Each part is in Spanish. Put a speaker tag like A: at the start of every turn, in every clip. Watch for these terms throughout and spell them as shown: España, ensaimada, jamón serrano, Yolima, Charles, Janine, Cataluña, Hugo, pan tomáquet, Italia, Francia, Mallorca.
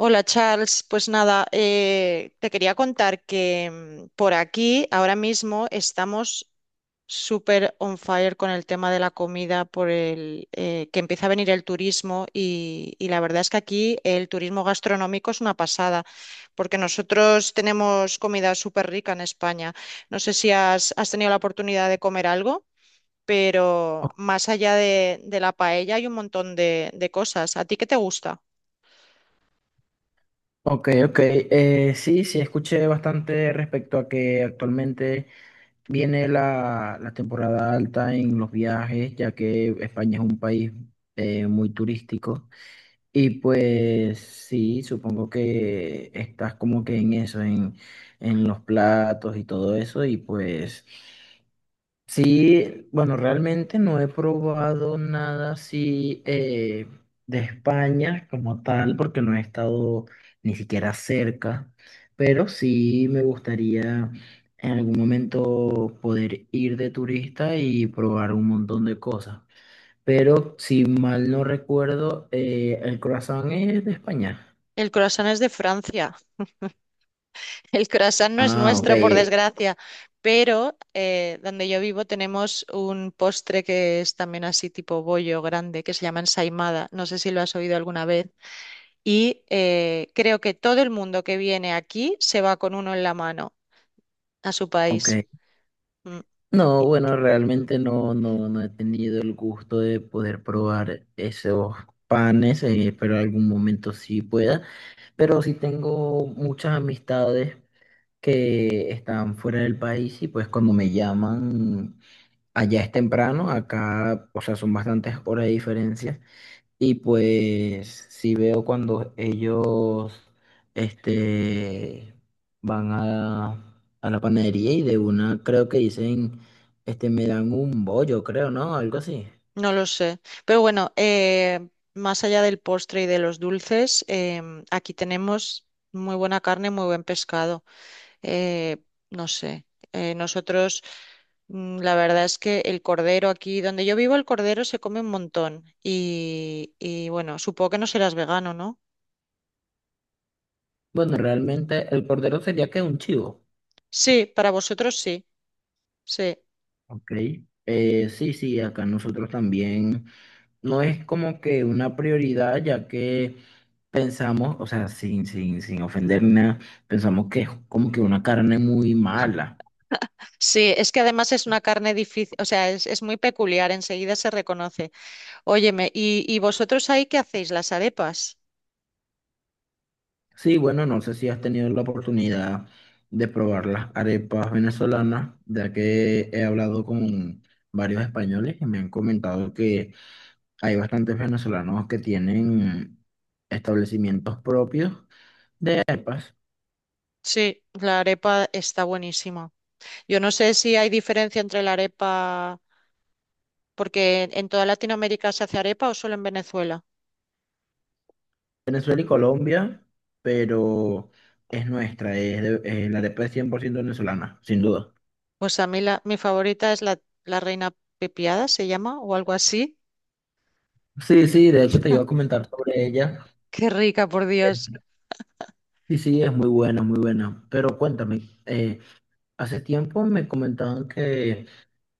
A: Hola Charles, pues nada, te quería contar que por aquí ahora mismo estamos súper on fire con el tema de la comida, por el que empieza a venir el turismo y la verdad es que aquí el turismo gastronómico es una pasada, porque nosotros tenemos comida súper rica en España. No sé si has tenido la oportunidad de comer algo, pero
B: O-
A: más allá de la paella hay un montón de cosas. ¿A ti qué te gusta?
B: Ok, ok. Sí, sí, escuché bastante respecto a que actualmente viene la temporada alta en los viajes, ya que España es un país muy turístico. Y pues sí, supongo que estás como que en eso, en los platos y todo eso. Y pues sí, bueno, realmente no he probado nada así de España como tal, porque no he estado ni siquiera cerca, pero sí me gustaría en algún momento poder ir de turista y probar un montón de cosas. Pero si mal no recuerdo, el croissant es de España.
A: El croissant es de Francia. El croissant no es
B: Ah, ok,
A: nuestro, por
B: correcto.
A: desgracia, pero donde yo vivo tenemos un postre que es también así tipo bollo grande, que se llama ensaimada. No sé si lo has oído alguna vez. Y creo que todo el mundo que viene aquí se va con uno en la mano a su país.
B: Ok.
A: Mm,
B: No,
A: y-
B: bueno, realmente no, no he tenido el gusto de poder probar esos panes, pero algún momento sí pueda. Pero sí tengo muchas amistades que están fuera del país y pues cuando me llaman allá es temprano, acá, o sea, son bastantes horas de diferencia. Y pues si veo cuando ellos este, van a la panadería y de una creo que dicen, este, me dan un bollo, creo, ¿no? Algo así.
A: No lo sé. Pero bueno, más allá del postre y de los dulces, aquí tenemos muy buena carne, muy buen pescado. Eh, no sé, nosotros, mm, La verdad es que el cordero aquí, donde yo vivo, el cordero se come un montón. Y bueno, supongo que no serás vegano, ¿no?
B: Bueno, realmente el cordero sería que un chivo.
A: Sí, para vosotros sí, sí.
B: Ok. Sí, sí, acá nosotros también no es como que una prioridad ya que pensamos, o sea, sin ofender nada, pensamos que es como que una carne muy mala.
A: Sí, es que además es una carne difícil, o sea, es muy peculiar, enseguida se reconoce. Óyeme, y vosotros ahí qué hacéis? ¿Las arepas?
B: Sí, bueno, no sé si has tenido la oportunidad de probar las arepas venezolanas, ya que he hablado con varios españoles y me han comentado que hay bastantes venezolanos que tienen establecimientos propios de arepas.
A: Sí, la arepa está buenísima. Yo no sé si hay diferencia entre la arepa, porque en toda Latinoamérica se hace arepa o solo en Venezuela.
B: Venezuela y Colombia, pero es nuestra, la arepa es 100% venezolana, sin duda.
A: Pues a mí mi favorita es la reina pepiada, se llama, o algo así.
B: Sí, sí, de hecho te iba a comentar sobre ella.
A: Qué rica, por Dios.
B: Sí, sí, es muy buena, muy buena. Pero cuéntame, hace tiempo me comentaban que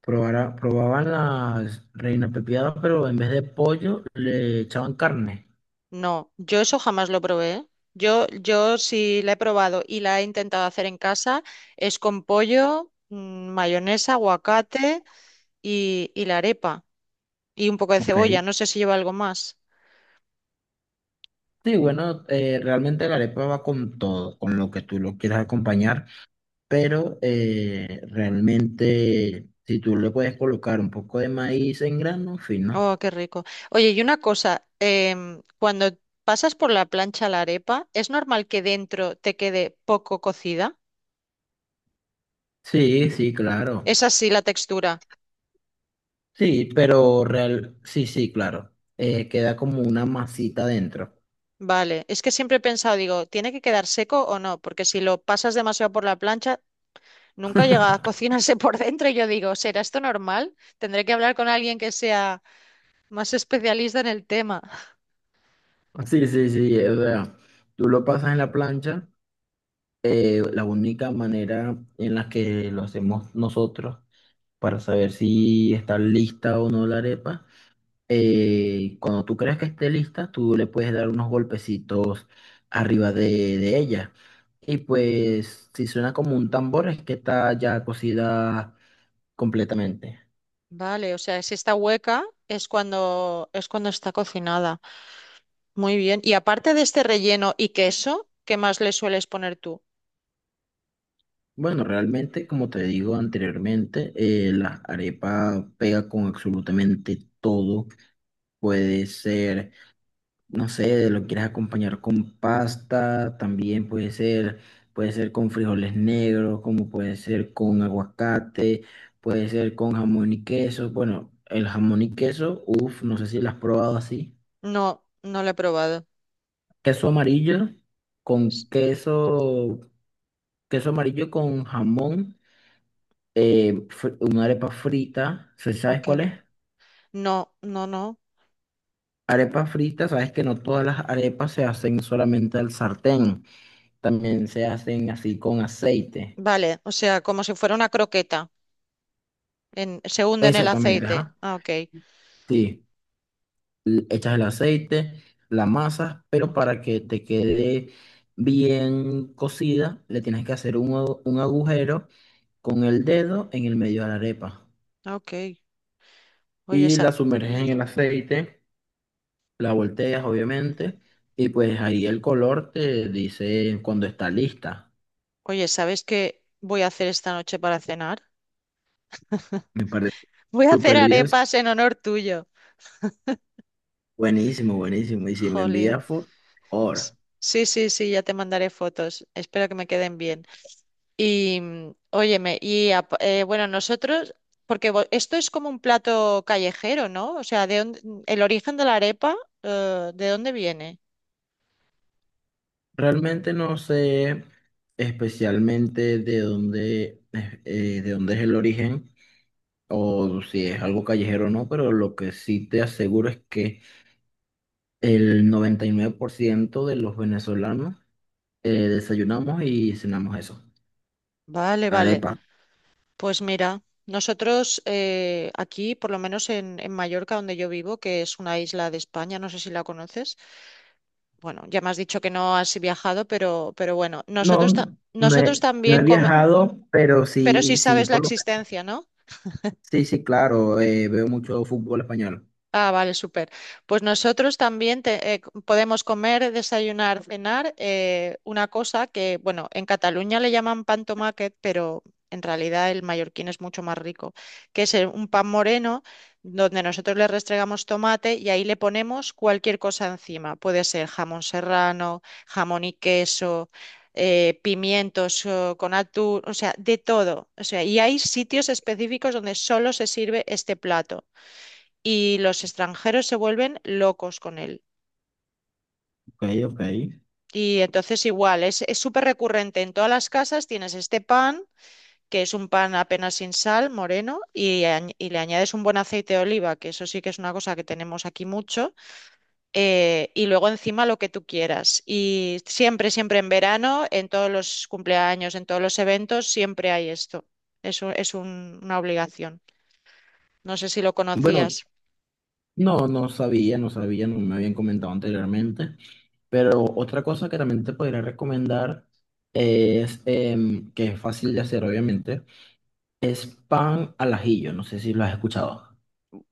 B: probaban las reina pepiadas, pero en vez de pollo le echaban carne.
A: No, yo eso jamás lo probé. ¿Eh? Yo sí la he probado y la he intentado hacer en casa, es con pollo, mayonesa, aguacate y la arepa. Y un poco de
B: Ok,
A: cebolla, no sé si lleva algo más.
B: sí, bueno, realmente la arepa va con todo, con lo que tú lo quieras acompañar, pero realmente si tú le puedes colocar un poco de maíz en grano, fino.
A: Oh, qué rico. Oye, y una cosa, cuando pasas por la plancha la arepa, ¿es normal que dentro te quede poco cocida?
B: Sí, sí, claro.
A: ¿Es así la textura?
B: Sí, pero real, sí, sí, claro. Queda como una masita dentro.
A: Vale, es que siempre he pensado, digo, ¿tiene que quedar seco o no? Porque si lo pasas demasiado por la plancha, nunca llega a cocinarse por dentro. Y yo digo, ¿será esto normal? Tendré que hablar con alguien que sea más especialista en el tema.
B: Sí, sí, sí, o sea, tú lo pasas en la plancha, la única manera en la que lo hacemos nosotros para saber si está lista o no la arepa, cuando tú creas que esté lista, tú le puedes dar unos golpecitos arriba de ella. Y pues si suena como un tambor es que está ya cocida completamente.
A: Vale, o sea, si está hueca es cuando está cocinada. Muy bien. Y aparte de este relleno y queso, ¿qué más le sueles poner tú?
B: Bueno, realmente, como te digo anteriormente, la arepa pega con absolutamente todo. Puede ser, no sé, lo quieres acompañar con pasta, también puede ser con frijoles negros, como puede ser con aguacate, puede ser con jamón y queso. Bueno, el jamón y queso, uff, no sé si lo has probado así.
A: No, no lo he probado.
B: Queso amarillo
A: S-
B: con queso, queso amarillo con jamón, una arepa frita, ¿sí, ¿sabes
A: Ok.
B: cuál es?
A: No, no, no.
B: Arepa frita, sabes que no todas las arepas se hacen solamente al sartén, también se hacen así con aceite.
A: Vale, o sea, como si fuera una croqueta. Se hunde en el
B: Exactamente,
A: aceite.
B: ajá.
A: Ah, ok.
B: Sí, echas el aceite, la masa, pero
A: Ok,
B: para que te quede bien cocida, le tienes que hacer un agujero con el dedo en el medio de la arepa.
A: ok. Oye,
B: Y
A: sa-
B: la sumerges en el aceite, la volteas obviamente, y pues ahí el color te dice cuando está lista.
A: Oye, ¿sabes qué voy a hacer esta noche para cenar?
B: Me parece
A: Voy a hacer
B: súper bien,
A: arepas en honor tuyo.
B: buenísimo, buenísimo. Y si me
A: Jolín.
B: envías foto,
A: S-
B: mejor.
A: Sí, sí, sí, ya te mandaré fotos. Espero que me queden bien. Y óyeme, bueno, esto es como un plato callejero, ¿no? El origen de la arepa, ¿de dónde viene?
B: Realmente no sé especialmente de dónde, de dónde es el origen o si es algo callejero o no, pero lo que sí te aseguro es que el 99% de los venezolanos desayunamos y cenamos eso,
A: Vale, vale.
B: arepa.
A: Pues mira, nosotros aquí, por lo menos en Mallorca, donde yo vivo, que es una isla de España, no sé si la conoces. Bueno, ya me has dicho que no has viajado, pero bueno,
B: No,
A: nosotros
B: no he
A: también
B: viajado, pero
A: pero sí
B: sí, sí,
A: sabes la
B: por lo
A: existencia, ¿no?
B: sí, sí, claro, veo mucho fútbol español.
A: Ah, vale, súper. Pues nosotros también podemos comer, desayunar, cenar una cosa que, bueno, en Cataluña le llaman pan tomáquet, pero en realidad el mallorquín es mucho más rico, que es un pan moreno donde nosotros le restregamos tomate y ahí le ponemos cualquier cosa encima. Puede ser jamón serrano, jamón y queso. Pimientos con atún, o sea, de todo. O sea, y hay sitios específicos donde solo se sirve este plato y los extranjeros se vuelven locos con él.
B: Ok, ok.
A: Y entonces igual, es súper recurrente en todas las casas, tienes este pan, que es un pan apenas sin sal, moreno, y, y le añades un buen aceite de oliva, que eso sí que es una cosa que tenemos aquí mucho, y luego encima lo que tú quieras. Y siempre, siempre en verano, en todos los cumpleaños, en todos los eventos, siempre hay esto. Una obligación. No sé si lo
B: Bueno,
A: conocías.
B: no, no sabía, no sabía, no me habían comentado anteriormente. Pero otra cosa que también te podría recomendar es, que es fácil de hacer, obviamente, es pan al ajillo. No sé si lo has escuchado.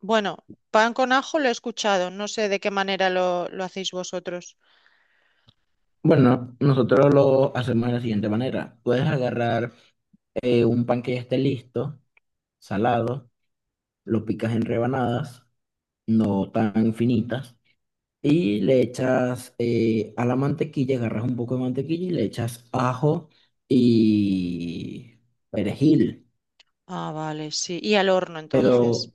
A: Bueno, pan con ajo lo he escuchado. No sé de qué manera lo hacéis vosotros.
B: Bueno, nosotros lo hacemos de la siguiente manera. Puedes agarrar un pan que ya esté listo, salado, lo picas en rebanadas, no tan finitas. Y le echas a la mantequilla, agarras un poco de mantequilla y le echas ajo y perejil.
A: Ah, vale, sí. Y al horno
B: Pero,
A: entonces.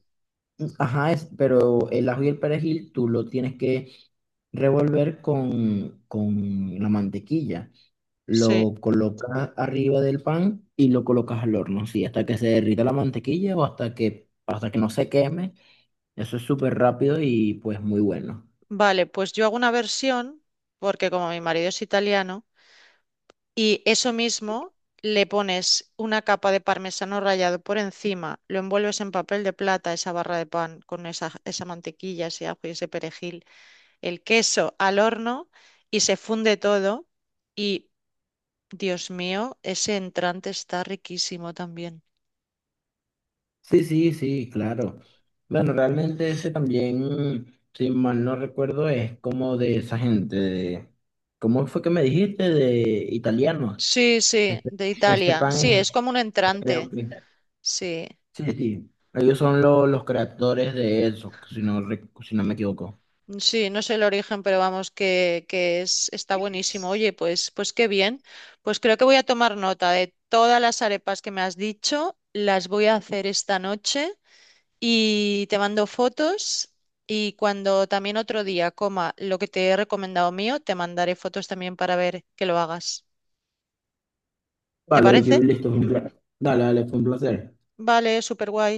B: ajá, es, pero el ajo y el perejil tú lo tienes que revolver con la mantequilla.
A: Sí.
B: Lo colocas arriba del pan y lo colocas al horno, sí, hasta que se derrita la mantequilla o hasta que no se queme. Eso es súper rápido y pues muy bueno.
A: Vale, pues yo hago una versión, porque como mi marido es italiano, y eso mismo le pones una capa de parmesano rallado por encima, lo envuelves en papel de plata, esa barra de pan con esa mantequilla, ese ajo y ese perejil, el queso al horno y se funde todo. Y, Dios mío, ese entrante está riquísimo también.
B: Sí, sí, sí, claro. Bueno, realmente ese también, si mal no recuerdo, es como de esa gente, ¿cómo fue que me dijiste? De italianos.
A: Sí, sí,
B: Este,
A: de
B: este
A: Italia.
B: pan
A: Sí,
B: es,
A: es como un
B: creo
A: entrante.
B: que,
A: Sí,
B: sí, sí, ellos son los creadores de eso, si no, si no me equivoco.
A: sí, no sé el origen, pero vamos, que es, está buenísimo. Oye, pues, pues qué bien. Pues creo que voy a tomar nota de todas las arepas que me has dicho. Las voy a hacer esta noche y te mando fotos. Y cuando también otro día coma lo que te he recomendado mío, te mandaré fotos también para ver que lo hagas. ¿Te
B: Vale, Vicky,
A: parece?
B: listo, fue un placer. Dale, dale, fue un placer.
A: Vale, súper guay.